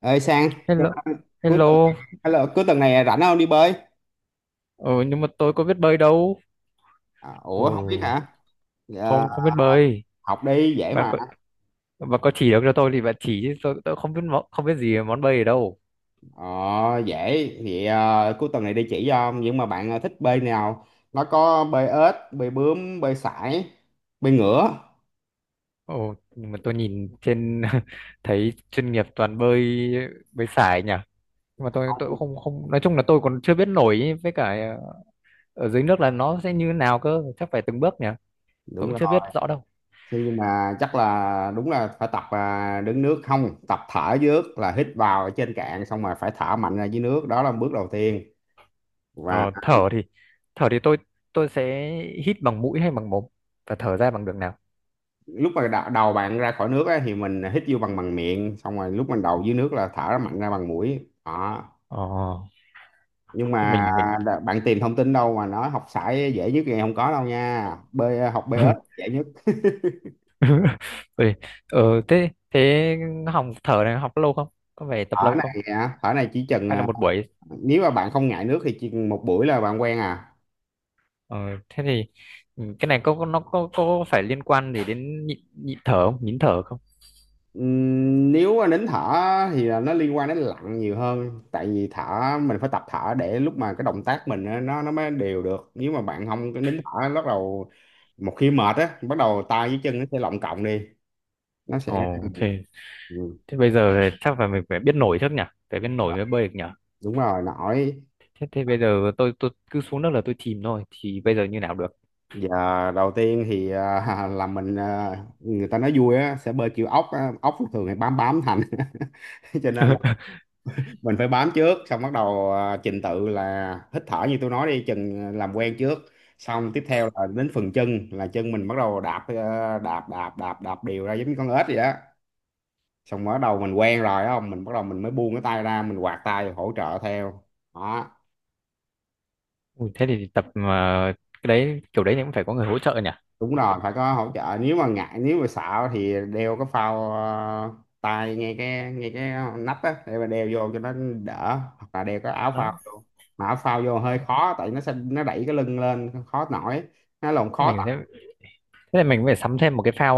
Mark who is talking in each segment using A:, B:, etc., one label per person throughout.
A: Ơi sang cái-
B: Hello,
A: cuối tuần,
B: hello.
A: hello, cuối tuần này rảnh không đi bơi?
B: Ừ, nhưng mà tôi có biết bơi đâu.
A: À,
B: Ừ,
A: ủa không biết hả? Dạ,
B: không không biết bơi.
A: học đi dễ
B: Bạn
A: mà.
B: có bạn có chỉ được cho tôi thì bạn chỉ chứ tôi không biết món, không biết gì về món bơi ở đâu.
A: ờ, Dễ thì cuối tuần này đi chỉ cho, nhưng mà bạn thích bơi nào? Nó có bơi ếch, bơi bướm, bơi sải, bơi ngửa.
B: Ồ, nhưng mà tôi nhìn trên thấy chuyên nghiệp toàn bơi bơi sải nhỉ. Nhưng mà tôi
A: Không,
B: cũng không không nói chung là tôi còn chưa biết nổi ý, với cả ở dưới nước là nó sẽ như thế nào cơ, chắc phải từng bước nhỉ. Tôi
A: đúng
B: cũng
A: rồi,
B: chưa biết rõ đâu.
A: nhưng mà chắc là đúng là phải tập, đứng nước không, tập thở dưới nước là hít vào ở trên cạn xong rồi phải thở mạnh ra dưới nước, đó là bước đầu tiên. Và
B: Ờ, thở thì thở thì tôi sẽ hít bằng mũi hay bằng mồm và thở ra bằng đường nào?
A: lúc mà đầu bạn ra khỏi nước á, thì mình hít vô bằng bằng miệng, xong rồi lúc mình đầu dưới nước là thở mạnh ra bằng mũi đó.
B: Ờ,
A: Nhưng
B: Thế
A: mà
B: mình
A: bạn tìm thông tin đâu mà nói học sải dễ nhất thì không có đâu nha, bơi học bơi ếch dễ nhất.
B: Ui, ờ, thế thế học thở này học lâu không? Có phải tập
A: Thở
B: lâu không?
A: này á, thở này chỉ chừng,
B: Hay là một buổi?
A: nếu mà bạn không ngại nước thì chỉ một buổi là bạn quen à.
B: Ờ, thế thì ừ, cái này nó có phải liên quan gì đến nhịn, nhịn thở không? Nhịn thở không?
A: Nếu mà đến thở thì là nó liên quan đến lặn nhiều hơn, tại vì thở mình phải tập thở để lúc mà cái động tác mình á, nó mới đều được, nếu mà bạn không có nín thở, bắt đầu một khi mệt á bắt đầu tay với chân nó sẽ lọng cộng đi, nó sẽ
B: Ồ, ok.
A: ừ.
B: Thế bây giờ thì chắc là mình phải biết nổi trước nhỉ? Phải biết nổi mới bơi được nhỉ?
A: Đúng rồi, nổi.
B: Thế thế bây giờ tôi cứ xuống nước là tôi chìm thôi. Thì bây giờ như nào được?
A: Giờ đầu tiên thì là mình, người ta nói vui á sẽ bơi kiểu ốc á. Ốc thường thì bám bám thành cho nên mình phải bám trước, xong bắt đầu, trình tự là hít thở như tôi nói, đi chừng làm quen trước. Xong tiếp theo là đến phần chân, là chân mình bắt đầu đạp, đạp đạp đạp đạp đều ra giống như con ếch vậy đó. Xong bắt đầu mình quen rồi á, không mình bắt đầu mình mới buông cái tay ra, mình quạt tay hỗ trợ theo đó.
B: Ui, thế thì tập mà cái đấy kiểu đấy thì cũng phải có người hỗ trợ nhỉ?
A: Đúng rồi, phải có hỗ trợ, nếu mà ngại, nếu mà sợ thì đeo cái phao, tay, ngay cái nách á, để mà đeo vô cho nó đỡ, hoặc là đeo cái áo phao
B: Đó.
A: vô. Mà áo phao vô hơi khó, tại nó sẽ nó đẩy cái lưng lên khó nổi, nó lộn khó
B: Mình
A: tập.
B: sẽ thế là mình phải sắm thêm một cái phao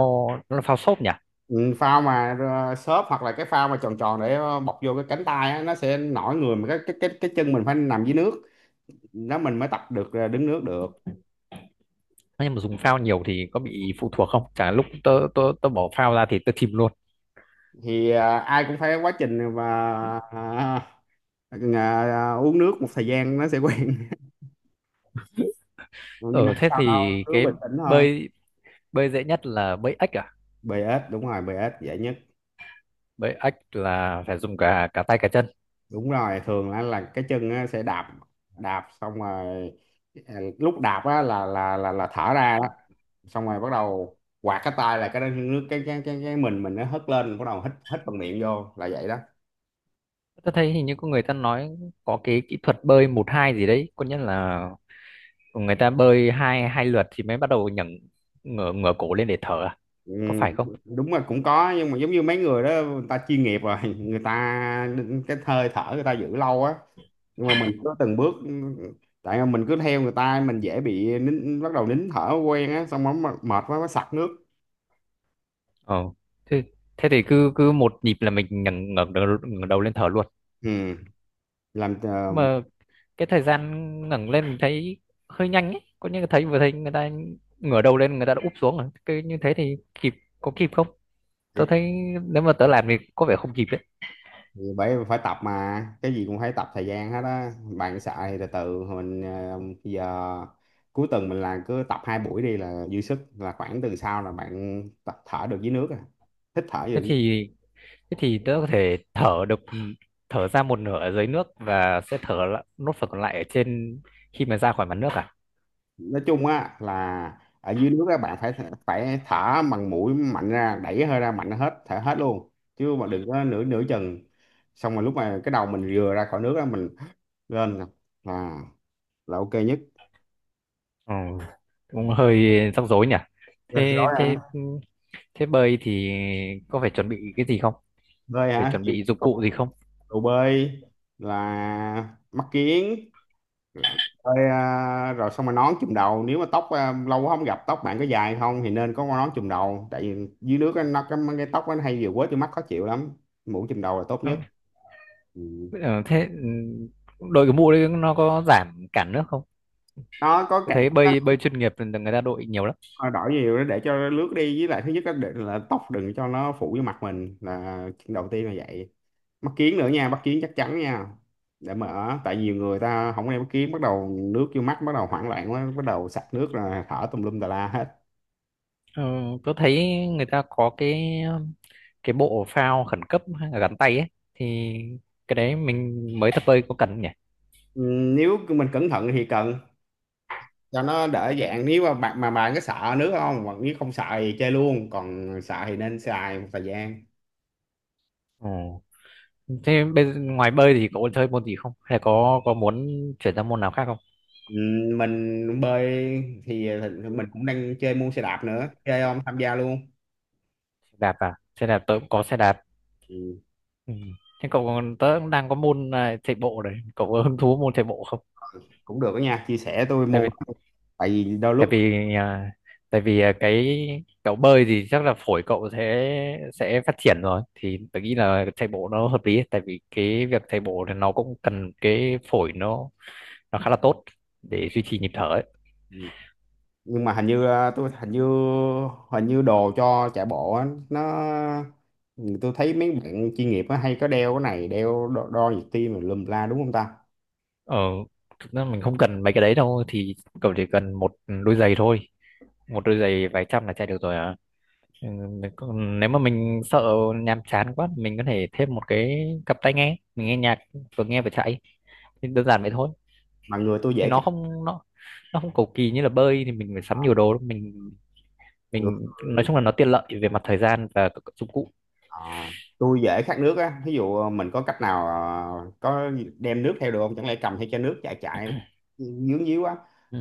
B: nó là phao xốp nhỉ?
A: Ừ, phao mà xốp, hoặc là cái phao mà tròn tròn, để bọc vô cái cánh tay á, nó sẽ nổi người, mà cái chân mình phải nằm dưới nước, đó mình mới tập được, đứng nước được.
B: Thế nhưng mà dùng phao nhiều thì có bị phụ thuộc không? Chả lúc tớ tớ tớ bỏ phao ra thì tớ chìm luôn.
A: Thì ai cũng phải quá trình, và ờ, uống nước một thời gian nó sẽ quen. Ừ, nhưng mà
B: Ờ
A: không
B: thế
A: sao đâu,
B: thì
A: cứ bình tĩnh thôi.
B: bơi bơi dễ nhất là bơi ếch à?
A: Bê ếch đúng rồi, bê ếch dễ nhất.
B: Bơi ếch là phải dùng cả cả tay cả chân.
A: Đúng rồi, thường là cái chân á, sẽ đạp, đạp xong rồi, lúc đạp á, là thở ra đó. Xong rồi bắt đầu quạt cái tay, là cái nước cái mình nó hất lên, bắt đầu hít hít bằng miệng vô là vậy đó.
B: Tớ thấy hình như có người ta nói có cái kỹ thuật bơi một hai gì đấy, có nghĩa là người ta bơi hai hai lượt thì mới bắt đầu nhấc ngửa ngửa cổ lên để thở à?
A: Ừ,
B: Có phải không?
A: đúng là cũng có, nhưng mà giống như mấy người đó người ta chuyên nghiệp rồi, người ta cái hơi thở người ta giữ lâu á, nhưng mà mình cứ từng bước. Tại mà mình cứ theo người ta mình dễ bị nín, bắt đầu nín thở quen á, xong rồi mệt quá mới sặc nước.
B: Ờ. Thế thế thì cứ cứ một nhịp là mình nhấc ngẩng đầu lên thở luôn.
A: Ừ. Làm
B: Mà cái thời gian ngẩng lên mình thấy hơi nhanh ấy, có những cái thấy thấy người ta ngửa đầu lên người ta đã úp xuống rồi, cái như thế thì kịp có kịp không,
A: thì
B: tớ thấy nếu mà tớ làm thì có vẻ không kịp đấy.
A: thì bởi phải tập mà, cái gì cũng phải tập thời gian hết á. Bạn sợ thì từ từ mình, bây giờ cuối tuần mình làm cứ tập hai buổi đi là dư sức, là khoảng tuần sau là bạn tập thở được dưới nước à, hít thở
B: thế
A: được.
B: thì thế thì tớ có thể thở được, thở ra một nửa ở dưới nước và sẽ nốt phần còn lại ở trên khi mà ra khỏi mặt nước à.
A: Nói chung á là ở dưới nước các bạn phải phải thở bằng mũi mạnh ra, đẩy hơi ra mạnh hết, thở hết luôn, chứ mà đừng có nửa nửa chừng. Xong rồi lúc mà cái đầu mình vừa ra khỏi nước á mình lên là ok nhất.
B: Ừ, cũng hơi rắc rối nhỉ.
A: Rồi.
B: thế thế
A: Hả?
B: thế bơi thì có phải chuẩn bị cái gì không,
A: Bơi
B: phải
A: hả
B: chuẩn
A: gì?
B: bị dụng
A: Cầu,
B: cụ gì không?
A: cầu bơi là mắt kiếng bơi, rồi xong rồi nón chùm đầu, nếu mà tóc, lâu quá không gặp, tóc bạn có dài không thì nên có con nón chùm đầu, tại vì dưới nước á, nó cái tóc nó hay vừa quế từ mắt khó chịu lắm. Mũ chùm đầu là tốt
B: Ừ.
A: nhất. Ừ.
B: Ờ, thế ừ, đội cái mũ đấy nó có giảm cản nước không?
A: Nó có
B: Tôi
A: cả,
B: thấy bơi bơi chuyên nghiệp thì người ta đội nhiều lắm.
A: nó đổi nhiều đó để cho nó lướt đi, với lại thứ nhất là tóc đừng cho nó phủ vô mặt mình là chuyện đầu tiên là vậy. Mắt kiếng nữa nha, mắt kiếng chắc chắn nha, để mở, tại nhiều người ta không đeo mắt kiếng, bắt đầu nước vô mắt, bắt đầu hoảng loạn quá, bắt đầu sặc nước là thở tùm lum tà la hết.
B: Ờ, tôi thấy người ta có cái bộ phao khẩn cấp hay là gắn tay ấy, thì cái đấy mình mới tập bơi có cần không nhỉ?
A: Ừ, nếu mình cẩn thận thì cần, cho nó đỡ dạng, nếu mà bạn có sợ nước không, hoặc nếu không sợ thì chơi luôn, còn sợ thì nên xài một thời gian.
B: Ồ. Thế bây giờ, ngoài bơi thì có chơi môn gì không? Hay là có muốn chuyển sang môn nào khác không?
A: Mình bơi thì mình cũng đang chơi môn xe đạp nữa, chơi không tham gia luôn.
B: Đạp à? Xe đạp tôi cũng có xe đạp.
A: Ừ,
B: Ừ. Thế cậu còn tớ cũng đang có môn chạy bộ đấy. Cậu có hứng thú môn chạy bộ không?
A: cũng được đó nha, chia sẻ tôi
B: Tại
A: môn
B: vì
A: đó. Tại vì đôi lúc
B: tại vì à, tại vì à, cái cậu bơi thì chắc là phổi cậu sẽ phát triển rồi thì tôi nghĩ là chạy bộ nó hợp lý, tại vì cái việc chạy bộ thì nó cũng cần cái phổi nó khá là tốt để duy trì nhịp thở ấy.
A: ừ, nhưng mà hình như, tôi hình như đồ cho chạy bộ á, nó ừ, tôi thấy mấy bạn chuyên nghiệp á, hay có đeo cái này, đeo đo nhịp tim rồi lùm la, đúng không ta?
B: Ờ, thực ra mình không cần mấy cái đấy đâu thì cậu chỉ cần một đôi giày thôi, một đôi giày vài trăm là chạy được rồi à. Ừ, nếu mà mình sợ nhàm chán quá mình có thể thêm một cái cặp tai nghe, mình nghe nhạc, vừa nghe vừa chạy, thì đơn giản vậy thôi.
A: Mà người tôi
B: Thì
A: dễ
B: nó
A: khát,
B: không nó nó không cầu kỳ như là bơi thì mình phải sắm nhiều đồ đâu. mình
A: người
B: mình nói chung là nó tiện lợi về mặt thời gian và các dụng cụ.
A: à, tôi dễ khát nước á, ví dụ mình có cách nào, có đem nước theo được không, chẳng lẽ cầm theo chai nước chạy chạy dướng díu quá.
B: Ừ.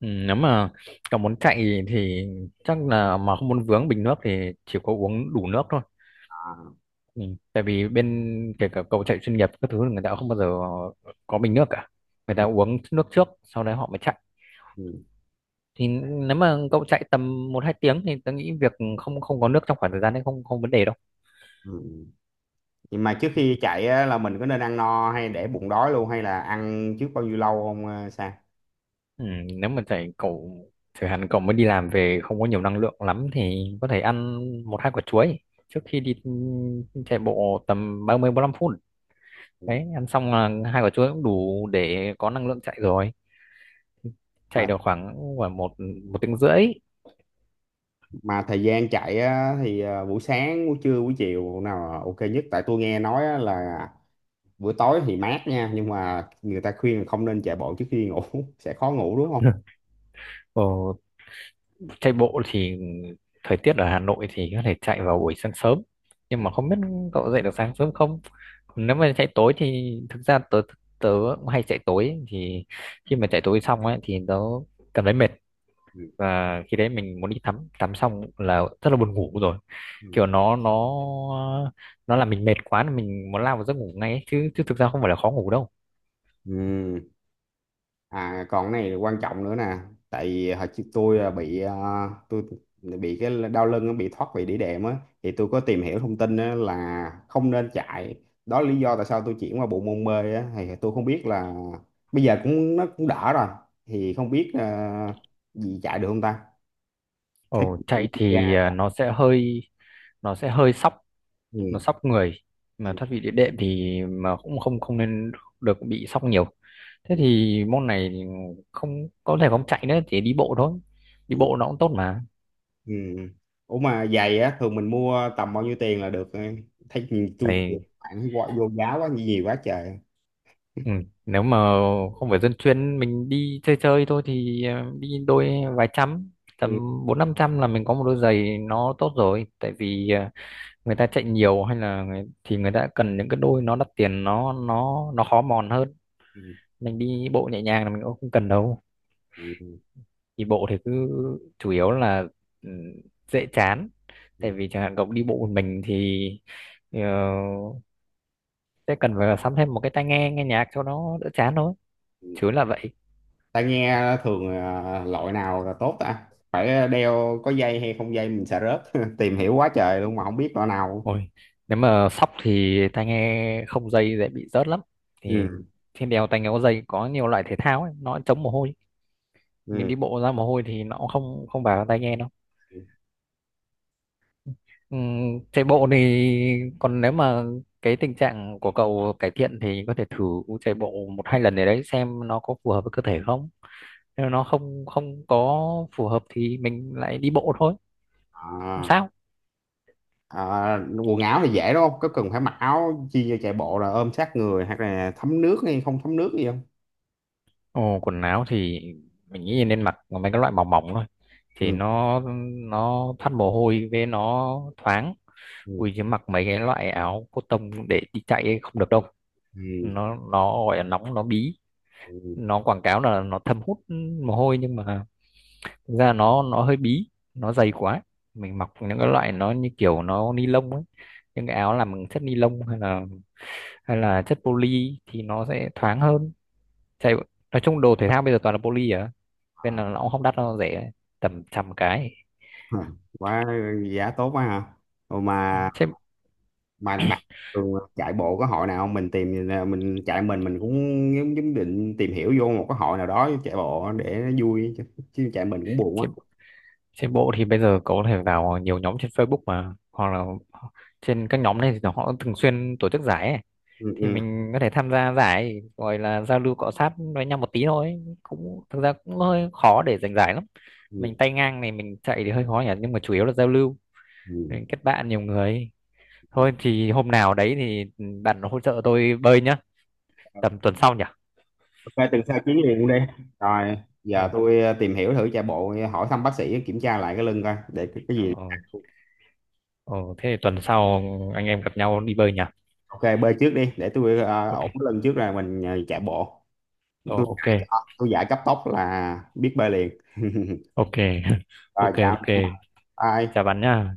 B: Ừ, nếu mà cậu muốn chạy thì chắc là mà không muốn vướng bình nước thì chỉ có uống đủ nước thôi.
A: À, ừ,
B: Ừ, tại vì bên kể cả cầu chạy chuyên nghiệp các thứ người ta không bao giờ có bình nước cả, người ta uống nước trước sau đấy họ mới chạy.
A: ừ,
B: Thì nếu mà cậu chạy tầm một hai tiếng thì tôi nghĩ việc không không có nước trong khoảng thời gian đấy không không vấn đề đâu.
A: ừ. Vậy mà trước
B: Ừ.
A: khi chạy á, là mình có nên ăn no hay để bụng đói luôn, hay là ăn trước bao nhiêu lâu không, Sa?
B: Ừ, nếu mà chạy cậu chẳng hạn cậu mới đi làm về không có nhiều năng lượng lắm thì có thể ăn một hai quả chuối trước khi đi chạy bộ tầm 30 lăm phút.
A: Ừ.
B: Đấy, ăn xong là hai quả chuối cũng đủ để có năng lượng chạy rồi. Chạy
A: Mà
B: được khoảng khoảng một một tiếng rưỡi.
A: mà thời gian chạy á, thì buổi sáng, buổi trưa, buổi chiều nào là ok nhất? Tại tôi nghe nói á, là buổi tối thì mát nha, nhưng mà người ta khuyên là không nên chạy bộ trước khi ngủ, sẽ khó ngủ đúng không?
B: Ồ, chạy bộ thì thời tiết ở Hà Nội thì có thể chạy vào buổi sáng sớm,
A: Ừ.
B: nhưng mà không biết cậu dậy được sáng sớm không. Còn nếu mà chạy tối thì thực ra tớ tớ cũng hay chạy tối ấy, thì khi mà chạy tối xong ấy thì tớ cảm thấy mệt,
A: Ừ.
B: và khi đấy mình muốn đi tắm, tắm xong là rất là buồn ngủ rồi,
A: Ừ.
B: kiểu nó nó làm mình mệt quá là mình muốn lao vào giấc ngủ ngay ấy. Chứ chứ thực ra không phải là khó ngủ đâu.
A: Ừ. À, còn cái này quan trọng nữa nè, tại vì hồi trước tôi bị cái đau lưng á, bị thoát vị đĩa đệm á, thì tôi có tìm hiểu thông tin á, là không nên chạy, đó là lý do tại sao tôi chuyển qua bộ môn bơi á, thì tôi không biết là bây giờ cũng nó cũng đỡ rồi, thì không biết, gì chạy được không ta. Thế
B: Ồ,
A: kinh nghiệm
B: chạy
A: của cha.
B: thì nó sẽ hơi sóc, nó
A: Ừ.
B: sóc người, mà
A: Ừ.
B: thoát vị địa đệm thì mà cũng không không nên được bị sóc nhiều, thế
A: Ừ.
B: thì môn này thì không thể không chạy nữa, chỉ đi bộ thôi. Đi
A: Ừ.
B: bộ nó cũng tốt mà.
A: Ừ. Ủa mà giày á thường mình mua tầm bao nhiêu tiền là được, thấy tôi
B: Này,
A: bạn quá vô giá quá nhiều quá trời.
B: ừ, nếu mà không phải dân chuyên, mình đi chơi chơi thôi thì đi đôi vài trăm,
A: Ừ.
B: tầm bốn năm trăm là mình có một đôi giày nó tốt rồi, tại vì người ta chạy nhiều hay là người ta cần những cái đôi nó đắt tiền, nó khó mòn hơn.
A: Ừ.
B: Mình đi bộ nhẹ nhàng là mình cũng không cần đâu.
A: Ừ,
B: Đi bộ thì cứ chủ yếu là ừ, dễ chán,
A: ừ,
B: tại vì chẳng hạn cậu đi bộ một mình thì ờ, sẽ cần phải sắm thêm một cái tai nghe nghe nhạc cho nó đỡ chán thôi,
A: ừ.
B: chứ là vậy.
A: Tai nghe thường, loại nào là tốt ta, phải đeo có dây hay không dây, mình sợ rớt, tìm hiểu quá trời luôn mà không biết loại nào.
B: Ôi, nếu mà sóc thì tai nghe không dây dễ bị rớt lắm, thì
A: Ừ.
B: trên đèo tai nghe có dây có nhiều loại thể thao ấy, nó chống mồ hôi, mình
A: Ừ.
B: đi bộ ra mồ hôi thì nó cũng không không vào tai nghe đâu. Ừ, chạy bộ thì còn nếu mà cái tình trạng của cậu cải thiện thì có thể thử chạy bộ một hai lần để đấy xem nó có phù hợp với cơ thể không. Nếu nó không không có phù hợp thì mình lại đi bộ thôi, không
A: À,
B: sao.
A: à, quần áo thì dễ đúng không, có cần phải mặc áo chi cho chạy bộ là ôm sát người hoặc là thấm nước hay không thấm nước gì không?
B: Ồ, quần áo thì mình nghĩ nên mặc mấy cái loại mỏng mỏng thôi, thì
A: Ừ.
B: nó thoát mồ hôi, với nó thoáng.
A: Ừ.
B: Ui chứ mặc mấy cái loại áo cotton để đi chạy ấy không được đâu,
A: Ừ.
B: nó gọi là nóng nó bí.
A: Ừ.
B: Nó quảng cáo là nó thâm hút mồ hôi nhưng mà thực ra nó hơi bí nó dày quá. Mình mặc những cái loại nó như kiểu nó ni lông ấy, những cái áo làm bằng chất ni lông hay là chất poly thì nó sẽ thoáng hơn. chạy nói chung đồ thể thao bây giờ toàn là poly à, nên
A: À,
B: là nó cũng không đắt đâu, nó rẻ tầm trăm cái.
A: quá, giá tốt quá hả? Ồ
B: Ừ,
A: mà,
B: trên
A: bạn thường chạy bộ có hội nào không, mình tìm, mình chạy mình cũng giống giống định tìm hiểu vô một cái hội nào đó chạy bộ để nó vui chứ, chứ chạy mình cũng buồn quá.
B: trên trên bộ thì bây giờ có thể vào nhiều nhóm trên Facebook mà, hoặc là trên các nhóm này thì họ thường xuyên tổ chức giải ấy.
A: Ừ,
B: Thì
A: ừ,
B: mình có thể tham gia giải gọi là giao lưu cọ sát với nhau một tí thôi, cũng thực ra cũng hơi khó để giành giải lắm,
A: ừ,
B: mình tay ngang này mình chạy thì hơi khó nhỉ, nhưng mà chủ yếu là giao lưu,
A: ừ.
B: mình kết bạn nhiều người. Thôi thì hôm nào đấy thì bạn hỗ trợ tôi bơi nhá, tầm tuần sau nhỉ.
A: Ok tuần sau chuyến liền luôn đi. Rồi. Giờ
B: ờ
A: tôi tìm hiểu thử chạy bộ, hỏi thăm bác sĩ kiểm tra lại cái lưng coi để cái gì.
B: ờ, ờ, thế thì tuần sau anh em gặp nhau đi bơi nhỉ.
A: Ok bơi trước đi, để tôi
B: Ok.
A: ổn cái lưng trước rồi mình chạy bộ.
B: Ờ
A: tôi
B: ok.
A: giải ờ, tôi giải cấp tốc là biết bơi liền.
B: Ok.
A: Rồi,
B: Ok.
A: chào,
B: Ok, chào
A: bye.
B: bạn nhá.